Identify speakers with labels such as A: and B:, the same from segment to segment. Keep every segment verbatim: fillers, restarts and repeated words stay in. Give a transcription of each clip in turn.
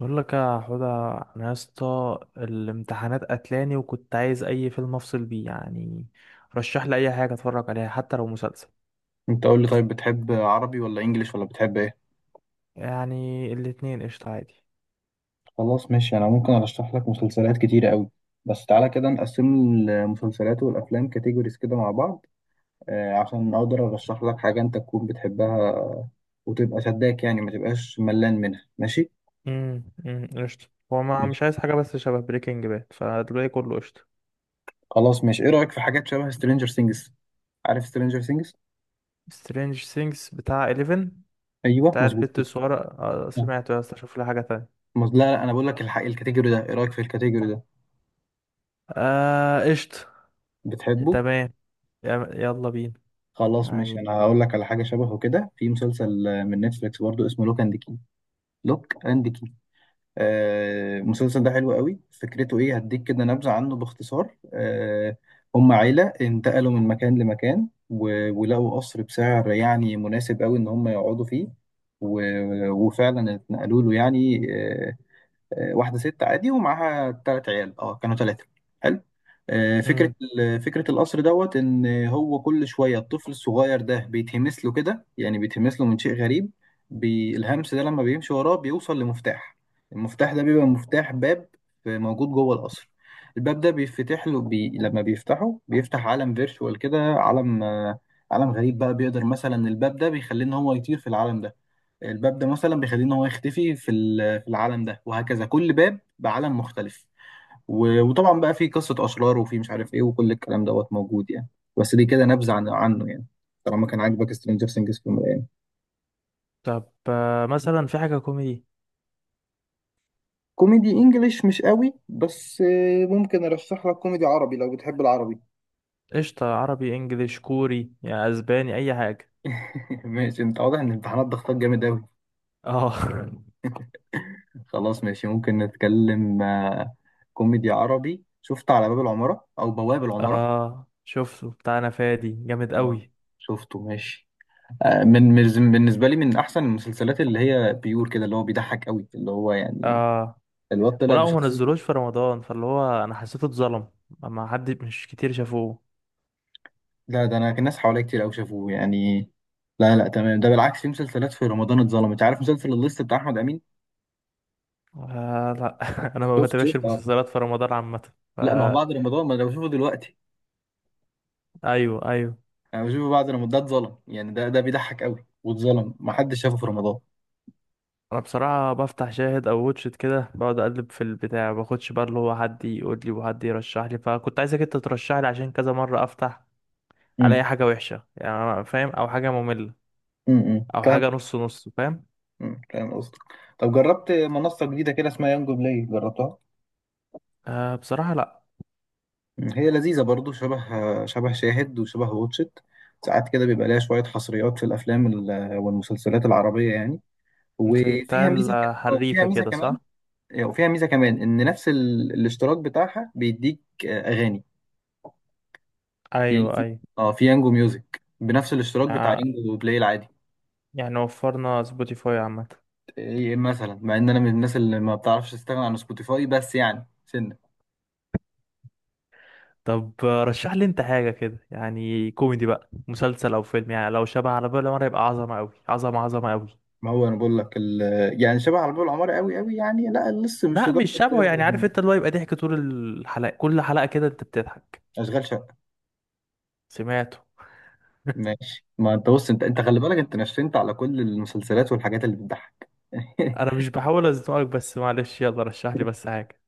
A: بقول لك يا حوده، انا يا اسطى الامتحانات قتلاني وكنت عايز اي فيلم افصل بيه يعني. رشح لي اي حاجه اتفرج عليها حتى لو مسلسل.
B: انت قول لي طيب، بتحب عربي ولا انجليش ولا بتحب ايه؟
A: يعني الاتنين قشطه عادي.
B: خلاص ماشي، انا ممكن ارشح لك مسلسلات كتيرة قوي. بس تعالى كده نقسم المسلسلات والافلام كاتيجوريز كده مع بعض، آه، عشان اقدر ارشح لك حاجة انت تكون بتحبها، وتبقى شداك يعني ما تبقاش ملان منها. ماشي
A: امم امم قشطه. هو ما
B: ماشي،
A: مش عايز حاجه بس شبه بريكنج باد، فدلوقتي كله قشطه.
B: خلاص ماشي، ايه رأيك في حاجات شبه سترينجر سينجز؟ عارف سترينجر سينجز؟
A: سترينج سينجز بتاع حداشر.
B: ايوه
A: بتاع
B: مظبوط
A: البت
B: كده.
A: الصغيره، آه،
B: آه.
A: سمعته يا اسطى، شوف لي حاجه تانية.
B: مز... لا لا، انا بقول لك الحق، الكاتيجوري ده ايه رأيك في الكاتيجوري ده؟
A: آه، قشطه.
B: بتحبه؟
A: تمام. يا- يلا بينا.
B: خلاص ماشي،
A: يعني.
B: انا هقول لك على حاجه شبهه كده في مسلسل، آه، من نتفليكس برضو، اسمه لوك اند كي. لوك اند كي. آه، المسلسل ده حلو قوي، فكرته ايه؟ هديك كده نبذه عنه باختصار. آه، هم عيله انتقلوا من مكان لمكان، و- ولقوا قصر بسعر يعني مناسب قوي ان هم يقعدوا فيه. و- وفعلا اتنقلوا له يعني. آه، آه، واحده ست عادي ومعاها ثلاث عيال، اه كانوا ثلاثه. حلو. آه، فكره
A: امم
B: ال- فكره القصر دوت ان هو كل شويه الطفل الصغير ده بيتهمس له كده، يعني بيتهمس له من شيء غريب. بي- الهمس ده لما بيمشي وراه بيوصل لمفتاح. المفتاح ده بيبقى مفتاح باب موجود جوه القصر. الباب ده بيفتح له، بي... لما بيفتحه بيفتح عالم فيرتشوال كده، عالم، آه، عالم غريب بقى. بيقدر مثلا الباب ده بيخليه ان هو يطير في العالم ده، الباب ده مثلا بيخليه ان هو يختفي في ال- في العالم ده، وهكذا كل باب بعالم مختلف. و- وطبعا بقى في قصة أشرار وفي مش عارف ايه، وكل الكلام دوت موجود يعني. بس دي كده نبذة عن عنه يعني. طالما كان عاجبك سترينجر سينجز في المراية.
A: طب، آه، مثلا في حاجه كوميدي؟
B: كوميدي انجليش مش قوي، بس آه، ممكن ارشح لك كوميدي عربي لو بتحب العربي.
A: قشطة، عربي انجليش كوري يعني اسباني، اي حاجة.
B: ماشي، انت واضح ان الامتحانات ضغطك جامد قوي.
A: اه.
B: خلاص ماشي، ممكن نتكلم. آه، كوميدي عربي، شفت على باب العمارة او بواب العمارة؟
A: اه، شفته، بتاعنا فادي جامد
B: اه
A: قوي.
B: شفته ماشي. آه، من من- بالنسبه لي من احسن المسلسلات، اللي هي بيور كده، اللي هو بيضحك قوي، اللي هو يعني
A: اه.
B: الواد طلع
A: ولا هو
B: بشخصيته.
A: منزلوش في رمضان، فاللي هو انا حسيته اتظلم. ما حد، مش كتير شافوه.
B: لا ده، انا كان ناس حواليا كتير قوي شافوه يعني. لا لا تمام، ده بالعكس، في مسلسلات في رمضان اتظلمت. عارف مسلسل الليست بتاع احمد امين؟
A: آه لا. انا ما
B: شفت
A: بتابعش
B: شفت اه.
A: المسلسلات في رمضان عامة. ف-
B: لا، ما هو بعد رمضان ما انا بشوفه دلوقتي.
A: ايوه ايوه.
B: انا بشوفه بعد رمضان، ده اتظلم يعني، ده ده بيضحك قوي واتظلم، ما حدش شافه في رمضان.
A: انا بصراحة بفتح شاهد او واتشت كده، بقعد اقلب في البتاع، ما باخدش بقى اللي هو حد يقول لي وحد يرشح لي، فكنت عايزك انت ترشح لي عشان كذا مرة افتح الاقي
B: امم،
A: حاجة وحشة، يعني أنا فاهم، او حاجة مملة،
B: امم
A: او
B: فاهم.
A: حاجه نص نص فاهم.
B: مم. فاهم قصدك. طب جربت منصه جديده كده اسمها يانجو بلاي؟ جربتها؟
A: آه، بصراحه لا.
B: هي لذيذة برضو، شبه شبه شاهد وشبه واتشت. ساعات كده بيبقى ليها شوية حصريات في الأفلام ال- والمسلسلات العربية يعني.
A: زي
B: وفيها ميزة
A: بتاع
B: ك... آه، وفيها
A: حريفه
B: ميزة
A: كده،
B: كمان،
A: صح؟
B: آه، وفيها ميزة كمان إن نفس ال... الاشتراك بتاعها بيديك آه، أغاني. يعني
A: ايوه
B: في،
A: ايوه.
B: اه في يانجو ميوزك بنفس الاشتراك بتاع
A: يع-
B: يانجو بلاي العادي.
A: يعني وفرنا سبوتيفاي عامة.
B: إيه مثلا، مع إن أنا من الناس اللي ما بتعرفش تستغنى عن سبوتيفاي، بس يعني سنة.
A: طب، آه، رشح لي انت حاجه كده، يعني كوميدي بقى، مسلسل او فيلم، يعني لو شبه على بالي مره يبقى عظمه قوي، عظمه عظمه قوي.
B: ما هو أنا بقول لك ال... يعني شبه على باب العمارة قوي قوي، يعني لا لسه مش
A: لا
B: لدرجة.
A: مش
B: زي
A: شبهه،
B: ما بقول
A: يعني عارف
B: لك.
A: انت اللي هو يبقى ضحك طول الحلقه، كل حلقه كده انت بتضحك.
B: أشغال شقة.
A: سمعته.
B: ماشي، ما انت بص، انت انت خلي بالك، انت نشنت على كل المسلسلات والحاجات اللي بتضحك.
A: انا مش بحاول ازنقك بس معلش، يلا رشح لي بس حاجه.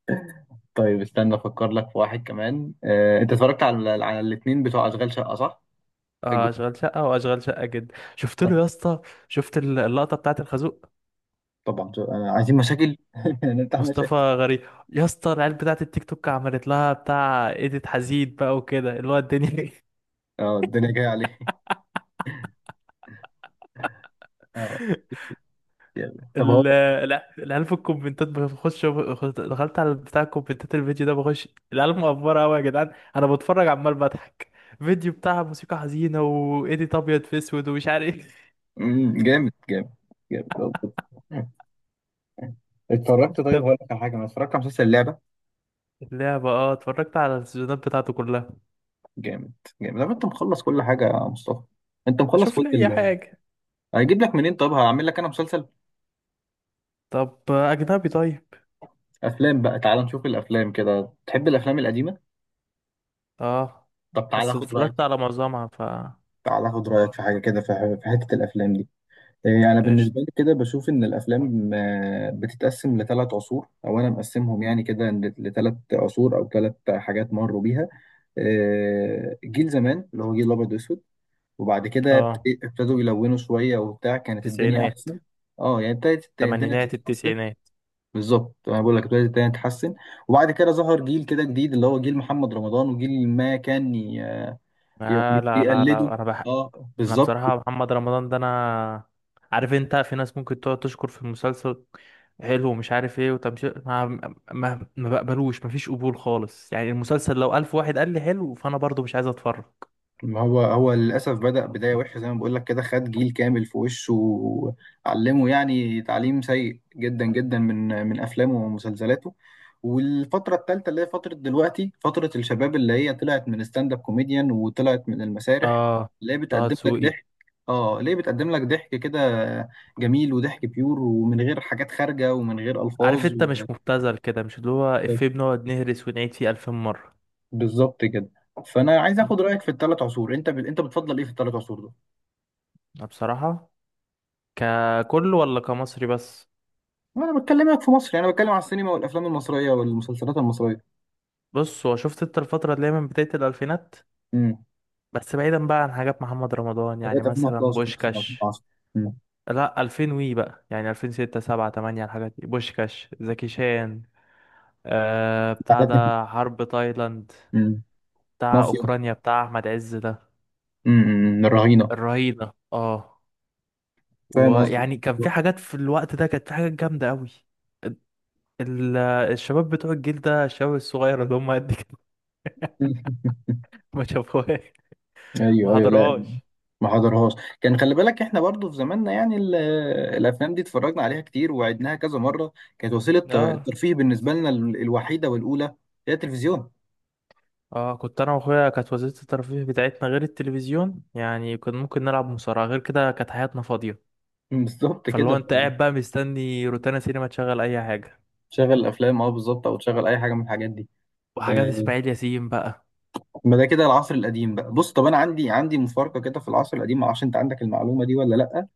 B: طيب استنى افكر لك في واحد كمان. اه انت اتفرجت على على الاثنين بتوع اشغال شقة صح؟
A: اه،
B: الجزء-
A: اشغال شقه واشغال شقه جدا شفت
B: طب-
A: له يا اسطى. شفت ال- اللقطه بتاعت الخازوق؟
B: طبعا، شو- آه، عايزين مشاكل نفتح
A: مصطفى
B: مشاكل.
A: غريب. يا اسطى، العيال بتاعت التيك توك عملت لها بتاع ايديت حزين بقى وكده اللي هو الدنيا.
B: اه، الدنيا جايه عليه. اه جامد. طب هو،
A: ال- الع- العيال في الكومنتات، بخش بخش- دخلت على بتاع الكومنتات، الفيديو ده بخش. العيال مقفرة قوي يا جدعان، انا بتفرج عمال بضحك. فيديو بتاع موسيقى حزينة وايديت ابيض في اسود ومش عارف ايه.
B: مم، جامد جامد. جامد طب، اتفرجت. طيب
A: طب.
B: هقول لك على حاجه، انا اتفرجت على مسلسل اللعبه.
A: اللعبة، اه اتفرجت على السيزونات بتاعته كلها.
B: جامد. جامد طب، انت مخلص كل حاجه يا مصطفى؟ انت مخلص
A: اشوف
B: كل
A: لي اي
B: ال...
A: حاجة.
B: هيجيب لك منين؟ طب هعمل لك انا مسلسل،
A: طب اجنبي طيب.
B: افلام بقى. تعال نشوف الافلام كده، تحب الافلام القديمه؟
A: اه
B: طب تعال
A: بس
B: اخد رايك.
A: اتفرجت على معظمها، ف
B: تعال اخد رايك في حاجه كده، في ح- في حته الافلام دي. إيه، انا
A: ايش.
B: بالنسبه لي كده بشوف ان الافلام آه، بتتقسم لثلاث عصور، او انا مقسمهم يعني كده لثلاث عصور، او ثلاث حاجات مروا بيها. آه، جيل زمان، اللي هو جيل الابيض واسود. وبعد كده ابت-
A: اه،
B: ابتدوا يلونوا شويه وبتاع، كانت الدنيا
A: تسعينات.
B: احسن. اه يعني ابتدت الدنيا
A: الثمانينات
B: تتحسن.
A: التسعينات.
B: بالظبط، انا بقول لك ابتدت الدنيا تتحسن. وبعد كده ظهر جيل كده جديد، اللي هو جيل محمد رمضان، وجيل ما كان ي-
A: آه
B: ي-
A: لا لا
B: يقلده.
A: لا، انا بح...
B: اه
A: انا
B: بالظبط.
A: بصراحة محمد رمضان ده، انا عارف انت في ناس ممكن تقعد تشكر في المسلسل حلو ومش عارف ايه وتمشي. ما ما, ما بقبلوش، مفيش قبول خالص يعني. المسلسل لو الف واحد قال لي حلو فانا برضو مش عايز اتفرج.
B: ما هو هو للأسف بدأ بداية وحشة، زي ما بقول لك كده، خد جيل كامل في وشه وعلمه يعني تعليم سيء جدا جدا، من من أفلامه ومسلسلاته. والفترة التالتة، اللي هي فترة دلوقتي، فترة الشباب، اللي هي طلعت من ستاند اب كوميديان وطلعت من المسارح،
A: اه،
B: اللي هي
A: طه
B: بتقدم لك
A: دسوقي.
B: ضحك. اه، ليه بتقدم لك ضحك كده جميل، وضحك بيور، ومن غير حاجات خارجة ومن غير
A: عارف
B: ألفاظ.
A: انت،
B: و-
A: مش مبتذل كده، مش اللي هو افيه بنقعد نهرس ونعيد فيه الفين مرة.
B: بالظبط كده. فأنا عايز
A: أمم،
B: آخد رأيك في الثلاث عصور، أنت ب... أنت بتفضل إيه في الثلاث عصور دول؟
A: أنا بصراحة ككل ولا كمصري بس؟
B: انا بكلمك في مصر يعني، انا بتكلم على السينما والافلام المصريه والمسلسلات المصريه.
A: بص، هو شفت انت الفترة اللي هي من بداية الألفينات،
B: امم،
A: بس بعيدا بقى عن حاجات محمد رمضان، يعني
B: لغايه
A: مثلا
B: ألفين وحدعش مثلا،
A: بوشكاش.
B: ألفين وعشرة. امم.
A: لا الفين وي بقى، يعني الفين وستة سبعة تمانية، الحاجات دي، بوشكاش، زكي شان، آه بتاع
B: جعلتني فيه.
A: ده حرب تايلاند،
B: امم.
A: بتاع
B: مافيا.
A: اوكرانيا، بتاع احمد عز ده،
B: امم، الرهينه.
A: الرهينة اه.
B: فاهم قصدي.
A: ويعني كان في حاجات في الوقت ده، كانت في حاجات جامدة قوي. ال- الشباب بتوع الجيل ده، الشباب الصغير اللي هم قد كده، ما شافوهاش، ما
B: ايوه ايوه، لا.
A: حضروهاش.
B: ما حضرهاش. كان خلي بالك، احنا برضو في زماننا يعني ال- الافلام دي اتفرجنا عليها كتير، وعدناها كذا مره. كانت وسيله ت-
A: اه
B: الترفيه بالنسبه لنا، ال- الوحيده والاولى هي التلفزيون.
A: اه، كنت انا واخويا كانت وسيله الترفيه بتاعتنا غير التلفزيون يعني، كنا ممكن نلعب مصارعه، غير كده كانت حياتنا فاضيه.
B: بالظبط
A: فاللي هو
B: كده.
A: انت قاعد بقى مستني روتانا سينما تشغل اي حاجه،
B: تشغل الافلام، اه بالظبط، او تشغل اي حاجه من الحاجات دي. آه،
A: وحاجات اسماعيل ياسين بقى.
B: ما ده كده العصر القديم بقى. بص طب، انا عندي عندي مفارقه كده في العصر القديم، ما اعرفش انت عندك المعلومه دي ولا لا.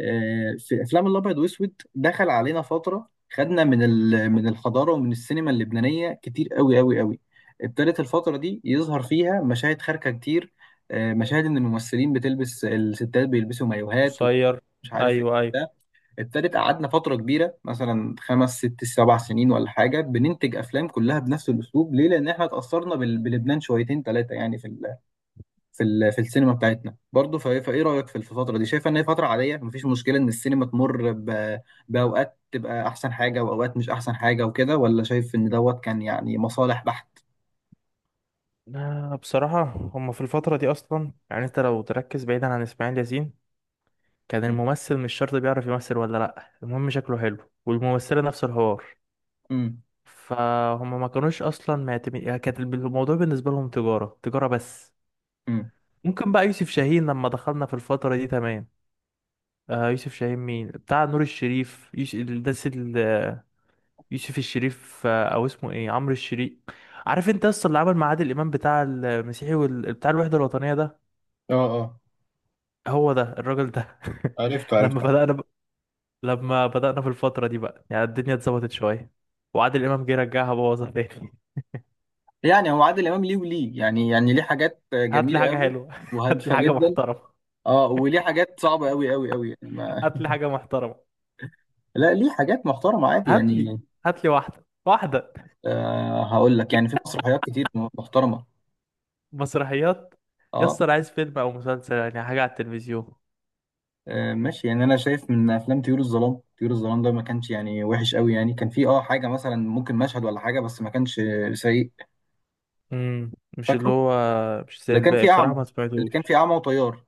B: آه، في افلام الابيض واسود دخل علينا فتره، خدنا من ال- من الحضاره ومن السينما اللبنانيه كتير قوي قوي قوي. ابتدت الفتره دي يظهر فيها مشاهد خارجه كتير. آه، مشاهد ان الممثلين بتلبس، الستات بيلبسوا مايوهات
A: قصير.
B: ومش عارف ايه.
A: ايوه ايوه.
B: ده، ابتدت قعدنا فتره كبيره مثلا خمس ست سبع سنين ولا حاجه، بننتج افلام كلها بنفس الاسلوب. ليه؟ لان احنا اتاثرنا بال- بلبنان شويتين ثلاثه، يعني في ال في ال- في السينما بتاعتنا برضه. فايه فإيه رايك في الفتره دي؟ شايفه ان هي فتره عاديه مفيش مشكله ان السينما تمر ب- باوقات تبقى احسن حاجه واوقات مش احسن حاجه وكده، ولا شايف ان دوت كان يعني مصالح بحت؟
A: لا بصراحه، هما في الفتره دي اصلا، يعني انت لو تركز بعيدا عن اسماعيل ياسين، كان الممثل مش شرط بيعرف يمثل ولا لا، المهم شكله حلو. والممثله نفس الحوار.
B: امم
A: فهم ما كانوش اصلا معتمد يعني، كانت الموضوع بالنسبه لهم تجاره، تجاره بس.
B: امم
A: ممكن بقى يوسف شاهين لما دخلنا في الفترة دي، تمام. آه، يوسف شاهين، مين بتاع نور الشريف؟ يوسف الناس ال- يوسف الشريف، آه، او اسمه ايه، عمرو الشريف. عارف انت اصلا اللي عمل مع عادل امام بتاع المسيحي وال... بتاع الوحدة الوطنية ده.
B: اه اه،
A: هو ده الراجل ده.
B: عرفته
A: لما
B: عرفته.
A: بدأنا ب... لما بدأنا في الفترة دي بقى، يعني الدنيا اتظبطت شوية، وعادل امام جه رجعها بوظها تاني.
B: يعني هو عادل امام ليه وليه، يعني يعني ليه حاجات
A: هات لي
B: جميله
A: حاجة
B: قوي
A: حلوة. هات لي
B: وهادفه
A: حاجة
B: جدا.
A: محترمة.
B: اه، وليه حاجات صعبه قوي قوي قوي، يعني ما...
A: هات لي حاجة محترمة.
B: لا، ليه حاجات محترمه عادي
A: هات لي،
B: يعني.
A: هات لي واحدة واحدة.
B: آه هقول لك، يعني في مسرحيات كتير محترمه.
A: مسرحيات.
B: اه.
A: يسطا عايز فيلم او مسلسل، يعني حاجه على التلفزيون.
B: آه، ماشي، يعني انا شايف من افلام طيور الظلام. طيور الظلام ده ما كانش يعني وحش قوي، يعني كان فيه اه حاجه مثلا، ممكن مشهد ولا حاجه، بس ما كانش سيء.
A: امم مش اللي
B: فاكره،
A: هو، مش زي
B: اللي كان
A: الباقي
B: فيه
A: بصراحة،
B: اعمى،
A: ما
B: اللي كان
A: سمعتوش.
B: فيه اعمى وطيار.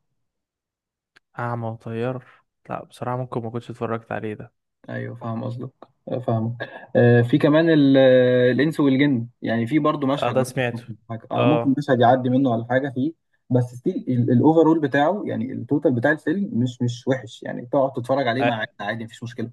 A: اعمى وطيار، لا بصراحه ممكن ما كنتش اتفرجت عليه ده.
B: ايوه فاهم قصدك. آه، فاهمك. آه، في كمان ال- آه، الانس والجن، يعني في برضو
A: اه
B: مشهد
A: ده
B: مثلا،
A: سمعته.
B: ممكن حاجه، اه ممكن
A: اه.
B: مشهد يعدي منه ولا حاجه فيه. بس ستيل الاوفرول بتاعه، يعني التوتال بتاع الفيلم مش مش وحش، يعني تقعد تتفرج عليه مع عادي، مفيش مشكله.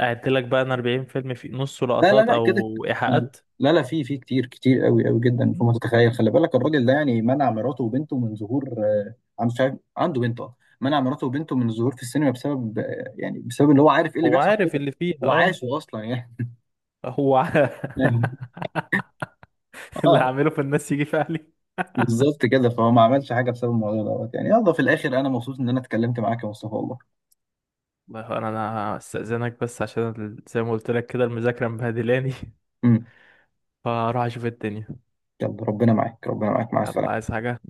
A: قعدت لك بقى انا أربعين فيلم في نصه
B: لا لا
A: لقطات
B: لا كده كده.
A: او ايحاءات.
B: لا لا، في في كتير كتير قوي قوي جدا فوق ما
A: مم.
B: تتخيل. خلي بالك الراجل ده يعني منع مراته وبنته من ظهور، آه، عنده، مش عارف عنده بنته. آه. منع مراته وبنته من الظهور في السينما بسبب، آه، يعني بسبب اللي هو عارف ايه اللي
A: هو
B: بيحصل
A: عارف
B: كده.
A: اللي فيها اه.
B: وعاشه اصلا يعني.
A: هو ع- اللي
B: اه
A: هعمله في الناس يجي في اهلي.
B: بالظبط كده. فهو ما عملش حاجه بسبب الموضوع دوت يعني. يلا في الاخر انا مبسوط ان انا اتكلمت معاك يا مصطفى، والله.
A: والله انا انا استاذنك، بس عشان ال- زي ما قلت لك كده المذاكره مبهدلاني.
B: امم.
A: فاروح اشوف الدنيا.
B: يلا ربنا معاك، ربنا معاك، مع
A: يلا،
B: السلامه.
A: عايز حاجه؟